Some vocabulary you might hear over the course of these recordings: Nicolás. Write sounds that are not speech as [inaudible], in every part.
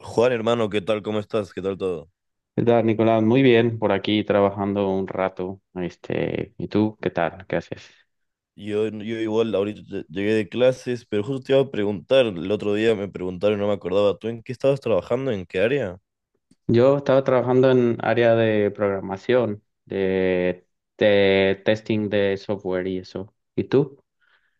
Juan, hermano, ¿qué tal? ¿Cómo estás? ¿Qué tal todo? ¿Qué tal, Nicolás? Muy bien, por aquí trabajando un rato. ¿Y tú qué tal? ¿Qué haces? Yo igual, ahorita llegué de clases, pero justo te iba a preguntar, el otro día me preguntaron, no me acordaba, ¿tú en qué estabas trabajando? ¿En qué área? Yo estaba trabajando en área de programación, de testing de software y eso. ¿Y tú?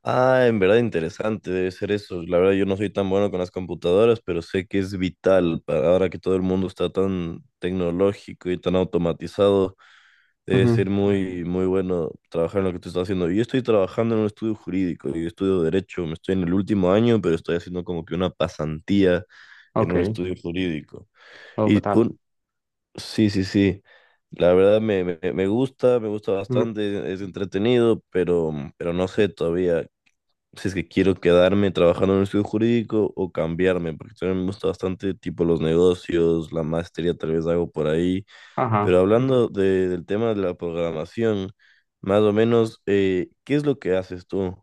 Ah, en verdad interesante debe ser eso. La verdad yo no soy tan bueno con las computadoras, pero sé que es vital para ahora que todo el mundo está tan tecnológico y tan automatizado. Debe Ujú. ser muy, muy bueno trabajar en lo que tú estás haciendo. Yo estoy trabajando en un estudio jurídico, yo estudio derecho, me estoy en el último año, pero estoy haciendo como que una pasantía en un Ok. estudio jurídico. Oh, ¿qué Y tal? un, sí, sí, sí, la verdad me gusta, me gusta Ujú. bastante, es entretenido, pero no sé todavía si es que quiero quedarme trabajando en un estudio jurídico o cambiarme, porque también me gusta bastante tipo los negocios, la maestría tal vez hago por ahí, pero Ajá. hablando del tema de la programación, más o menos, ¿qué es lo que haces tú?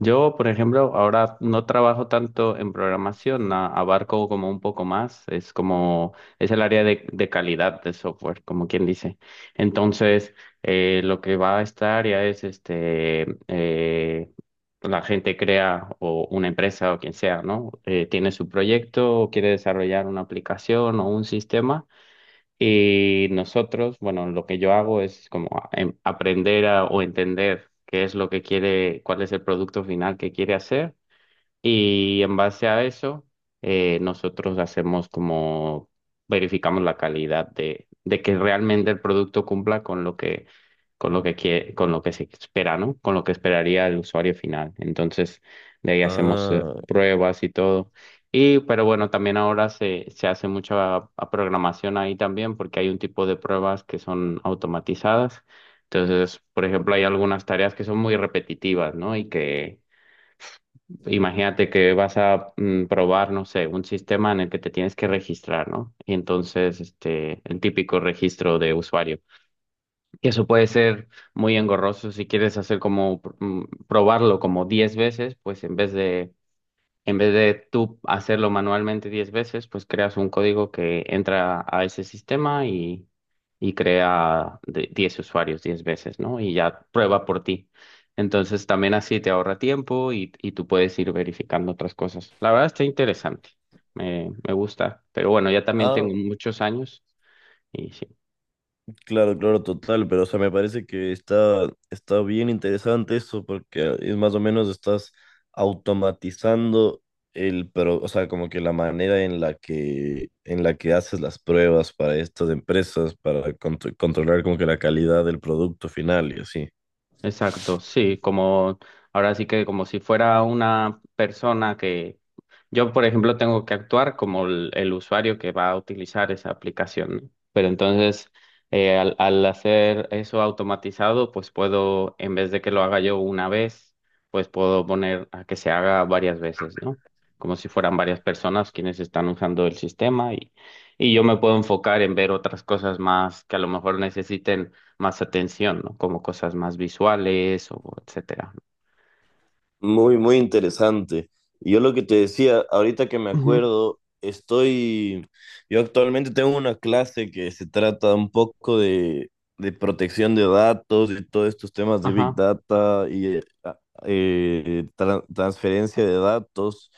Yo, por ejemplo, ahora no trabajo tanto en programación, abarco como un poco más, es como, es el área de calidad de software, como quien dice. Entonces, lo que va a esta área es, la gente crea o una empresa o quien sea, ¿no? Tiene su proyecto o quiere desarrollar una aplicación o un sistema. Y nosotros, bueno, lo que yo hago es como aprender o entender qué es lo que quiere, cuál es el producto final que quiere hacer y en base a eso, nosotros hacemos como, verificamos la calidad de que realmente el producto cumpla con lo que, con lo que con lo que se espera, ¿no? Con lo que esperaría el usuario final. Entonces, de ahí hacemos Ah, pruebas y todo. Y, pero bueno, también ahora se hace mucha programación ahí también, porque hay un tipo de pruebas que son automatizadas. Entonces, por ejemplo, hay algunas tareas que son muy repetitivas, ¿no? Y que imagínate que vas a probar, no sé, un sistema en el que te tienes que registrar, ¿no? Y entonces, el típico registro de usuario. Que eso puede ser muy engorroso si quieres hacer como probarlo como 10 veces, pues en vez de tú hacerlo manualmente 10 veces, pues creas un código que entra a ese sistema y crea 10 usuarios 10 veces, ¿no? Y ya prueba por ti. Entonces también así te ahorra tiempo y tú puedes ir verificando otras cosas. La verdad está interesante, me gusta, pero bueno, ya también ah, tengo muchos años y sí. claro, claro, total, pero o sea, me parece que está, está bien interesante eso porque es más o menos estás automatizando el, pero, o sea, como que la manera en la que haces las pruebas para estas empresas, para controlar como que la calidad del producto final y así. Exacto, sí, como ahora sí que como si fuera una persona que yo, por ejemplo, tengo que actuar como el usuario que va a utilizar esa aplicación, ¿no? Pero entonces, al hacer eso automatizado, pues puedo, en vez de que lo haga yo una vez, pues puedo poner a que se haga varias veces, ¿no? Como si fueran varias personas quienes están usando el sistema y yo me puedo enfocar en ver otras cosas más que a lo mejor necesiten más atención, ¿no? Como cosas más visuales o etcétera. Muy, muy interesante. Y yo lo que te decía, ahorita que me Ujú. acuerdo, estoy, yo actualmente tengo una clase que se trata un poco de protección de datos y todos estos temas de Big Ajá. Data y transferencia de datos.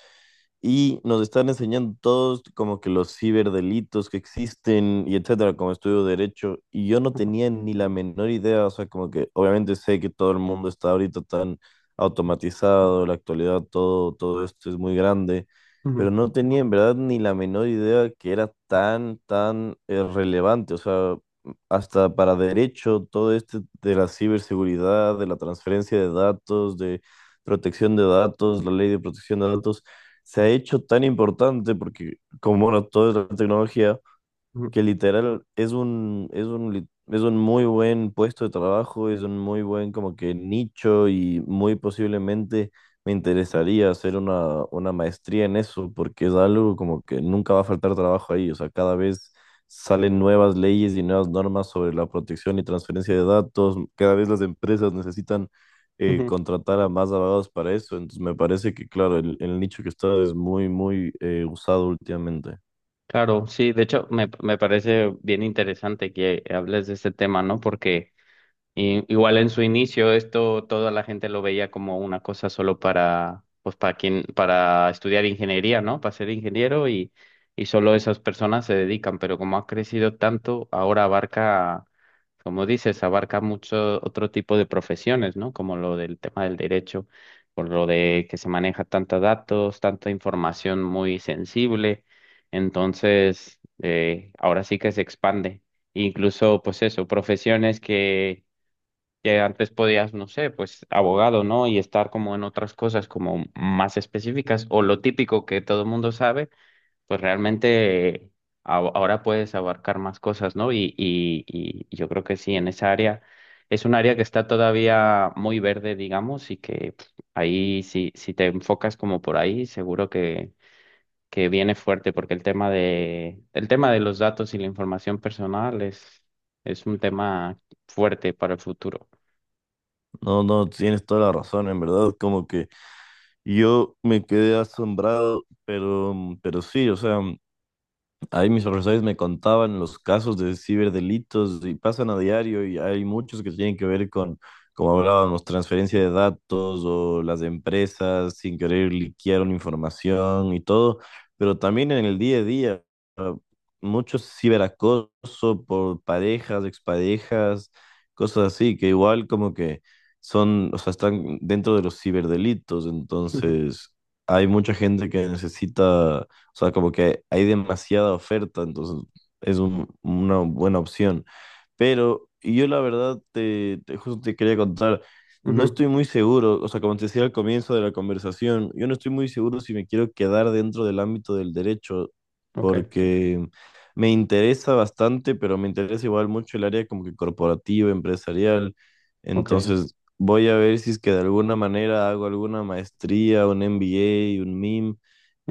Y nos están enseñando todos como que los ciberdelitos que existen y etcétera, como estudio de derecho. Y yo no Ajá, tenía ni la menor idea, o sea, como que obviamente sé que todo el mundo está ahorita tan automatizado, en la actualidad, todo, todo esto es muy grande, ujú, pero no tenía en verdad ni la menor idea que era tan, tan relevante, o sea, hasta para derecho, todo este de la ciberseguridad, de la transferencia de datos, de protección de datos, la ley de protección de datos, se ha hecho tan importante porque como ahora todo es la tecnología, ujú, que literal es un muy buen puesto de trabajo, es un muy buen como que nicho y muy posiblemente me interesaría hacer una maestría en eso porque es algo como que nunca va a faltar trabajo ahí, o sea, cada vez salen nuevas leyes y nuevas normas sobre la protección y transferencia de datos, cada vez las empresas necesitan ujú. contratar a más abogados para eso, entonces me parece que claro, el nicho que está es muy, muy usado últimamente. Claro, sí, de hecho me parece bien interesante que hables de este tema, ¿no? Porque y igual en su inicio esto toda la gente lo veía como una cosa solo para pues para quien para estudiar ingeniería, ¿no? Para ser ingeniero y solo esas personas se dedican, pero como ha crecido tanto, ahora abarca, como dices, abarca mucho otro tipo de profesiones, ¿no? Como lo del tema del derecho, por lo de que se maneja tantos datos, tanta información muy sensible. Entonces, ahora sí que se expande incluso pues eso, profesiones que antes podías, no sé, pues abogado, ¿no? Y estar como en otras cosas como más específicas o lo típico que todo el mundo sabe, pues realmente ahora puedes abarcar más cosas, ¿no? Y yo creo que sí, en esa área es un área que está todavía muy verde, digamos, y que pf, ahí si, si te enfocas como por ahí, seguro que viene fuerte, porque el tema de los datos y la información personal es un tema fuerte para el futuro. No, no, tienes toda la razón, en verdad, como que yo me quedé asombrado, pero sí, o sea, ahí mis profesores me contaban los casos de ciberdelitos y pasan a diario y hay muchos que tienen que ver con, como hablábamos, transferencia de datos o las empresas sin querer liquearon información y todo, pero también en el día a día, ah, mucho ciberacoso por parejas, exparejas, cosas así, que igual como que son, o sea, están dentro de los ciberdelitos, [laughs] entonces hay mucha gente que necesita, o sea, como que hay demasiada oferta, entonces es una buena opción. Pero yo la verdad justo te quería contar, no Ujú. estoy muy seguro, o sea, como te decía al comienzo de la conversación, yo no estoy muy seguro si me quiero quedar dentro del ámbito del derecho, Ok, porque me interesa bastante, pero me interesa igual mucho el área como que corporativa, empresarial. ok, Entonces voy a ver si es que de alguna manera hago alguna maestría, un MBA, un MIM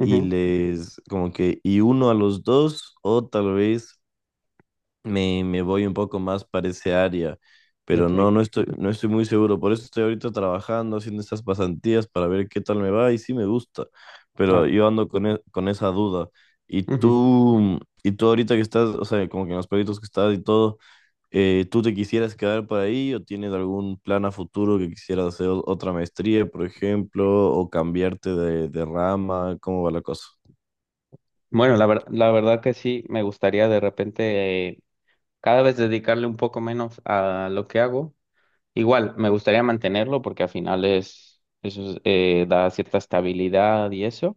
y les como que y uno a los dos o tal vez me voy un poco más para ese área, pero no, ok, no estoy, no estoy muy seguro, por eso estoy ahorita trabajando, haciendo estas pasantías para ver qué tal me va y sí me gusta, pero claro. yo ando con, con esa duda. Y Ujú. tú, y tú ahorita que estás, o sea, como que en los proyectos que estás y todo, ¿tú te quisieras quedar por ahí o tienes algún plan a futuro que quisieras hacer otra maestría, por ejemplo, o cambiarte de rama? ¿Cómo va la cosa? Bueno, la la verdad que sí, me gustaría de repente cada vez dedicarle un poco menos a lo que hago. Igual, me gustaría mantenerlo porque al final es, eso es, da cierta estabilidad y eso,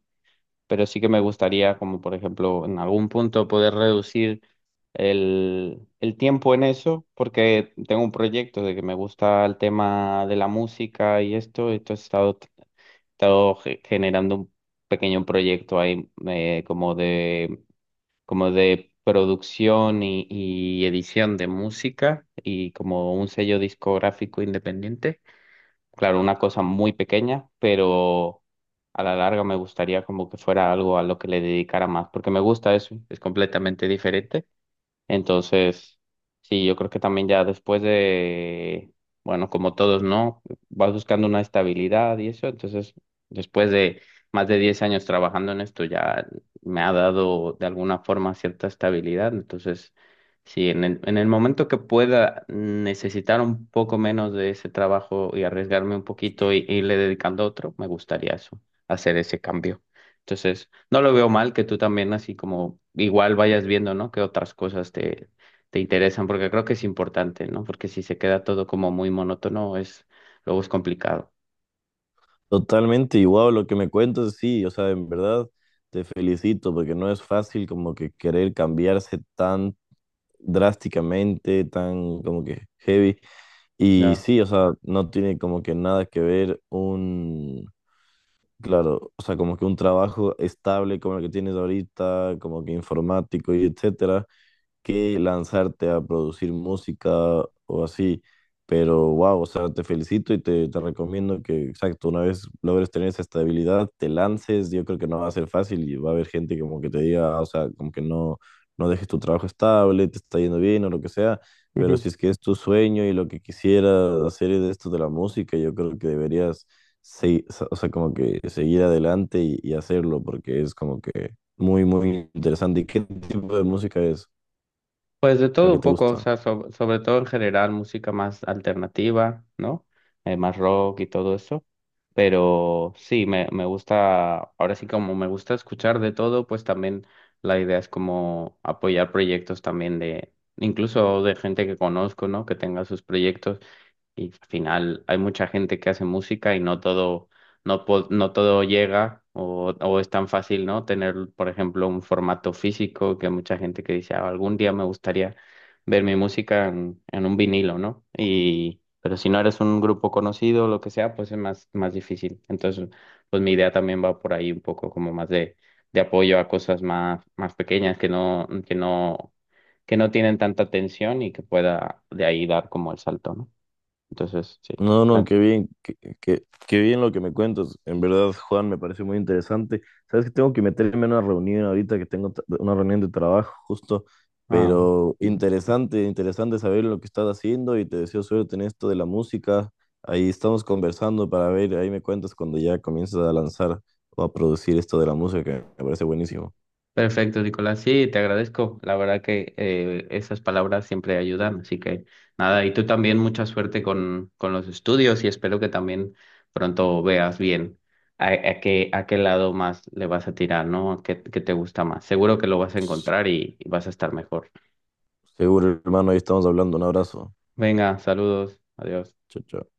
pero sí que me gustaría, como por ejemplo, en algún punto poder reducir el tiempo en eso, porque tengo un proyecto de que me gusta el tema de la música y esto he estado generando un pequeño proyecto ahí como de producción y edición de música y como un sello discográfico independiente. Claro, una cosa muy pequeña, pero a la larga me gustaría como que fuera algo a lo que le dedicara más, porque me gusta eso, es completamente diferente entonces, sí, yo creo que también ya después de, bueno, como todos, ¿no? Vas buscando una estabilidad y eso. Entonces, después de más de 10 años trabajando en esto, ya me ha dado de alguna forma cierta estabilidad. Entonces, sí, en en el momento que pueda necesitar un poco menos de ese trabajo y arriesgarme un poquito y irle dedicando a otro, me gustaría eso, hacer ese cambio. Entonces, no lo veo mal que tú también así como igual vayas viendo, ¿no? Que otras cosas te, te interesan, porque creo que es importante, ¿no? Porque si se queda todo como muy monótono, es, luego es complicado. Totalmente, igual lo que me cuentas, sí, o sea, en verdad te felicito porque no es fácil como que querer cambiarse tan drásticamente, tan como que heavy. Y Ya. sí, o sea, no tiene como que nada que ver un, claro, o sea, como que un trabajo estable como el que tienes ahorita, como que informático y etcétera que lanzarte a producir música o así. Pero wow, o sea, te felicito y te recomiendo que, exacto, una vez logres tener esa estabilidad, te lances. Yo creo que no va a ser fácil y va a haber gente que como que te diga, "Ah, o sea, como que no, no dejes tu trabajo estable, te está yendo bien o lo que sea. Pero si es que es tu sueño y lo que quisieras hacer es esto de la música, yo creo que deberías, se- o sea, como que seguir adelante y hacerlo porque es como que muy, muy interesante. ¿Y qué tipo de música es? Pues de La todo que un te poco, o gusta. sea, sobre todo en general música más alternativa, ¿no? Más rock y todo eso. Pero sí, me gusta, ahora sí como me gusta escuchar de todo, pues también la idea es como apoyar proyectos también de, incluso de gente que conozco, ¿no? Que tenga sus proyectos. Y al final hay mucha gente que hace música y no todo, no, no todo llega o es tan fácil, ¿no? Tener, por ejemplo, un formato físico que hay mucha gente que dice, "Ah, algún día me gustaría ver mi música en un vinilo, ¿no? Y, pero si no eres un grupo conocido o lo que sea, pues es más, más difícil. Entonces, pues mi idea también va por ahí un poco como más de apoyo a cosas más, más pequeñas que no, que no, que no tienen tanta atención y que pueda de ahí dar como el salto, ¿no? Entonces, sí. No, me- no, qué bien, qué, qué bien lo que me cuentas. En verdad, Juan, me parece muy interesante. Sabes que tengo que meterme en una reunión ahorita, que tengo una reunión de trabajo justo, Ah, pero interesante, interesante saber lo que estás haciendo y te deseo suerte en esto de la música. Ahí estamos conversando para ver, ahí me cuentas cuando ya comiences a lanzar o a producir esto de la música, que me parece buenísimo. perfecto, Nicolás. Sí, te agradezco. La verdad que esas palabras siempre ayudan. Así que nada, y tú también mucha suerte con los estudios y espero que también pronto veas bien a qué lado más le vas a tirar, ¿no? A qué, qué te gusta más. Seguro que lo vas a encontrar y vas a estar mejor. Seguro, hermano, ahí estamos hablando. Un abrazo. Venga, saludos. Adiós. Chao, chao.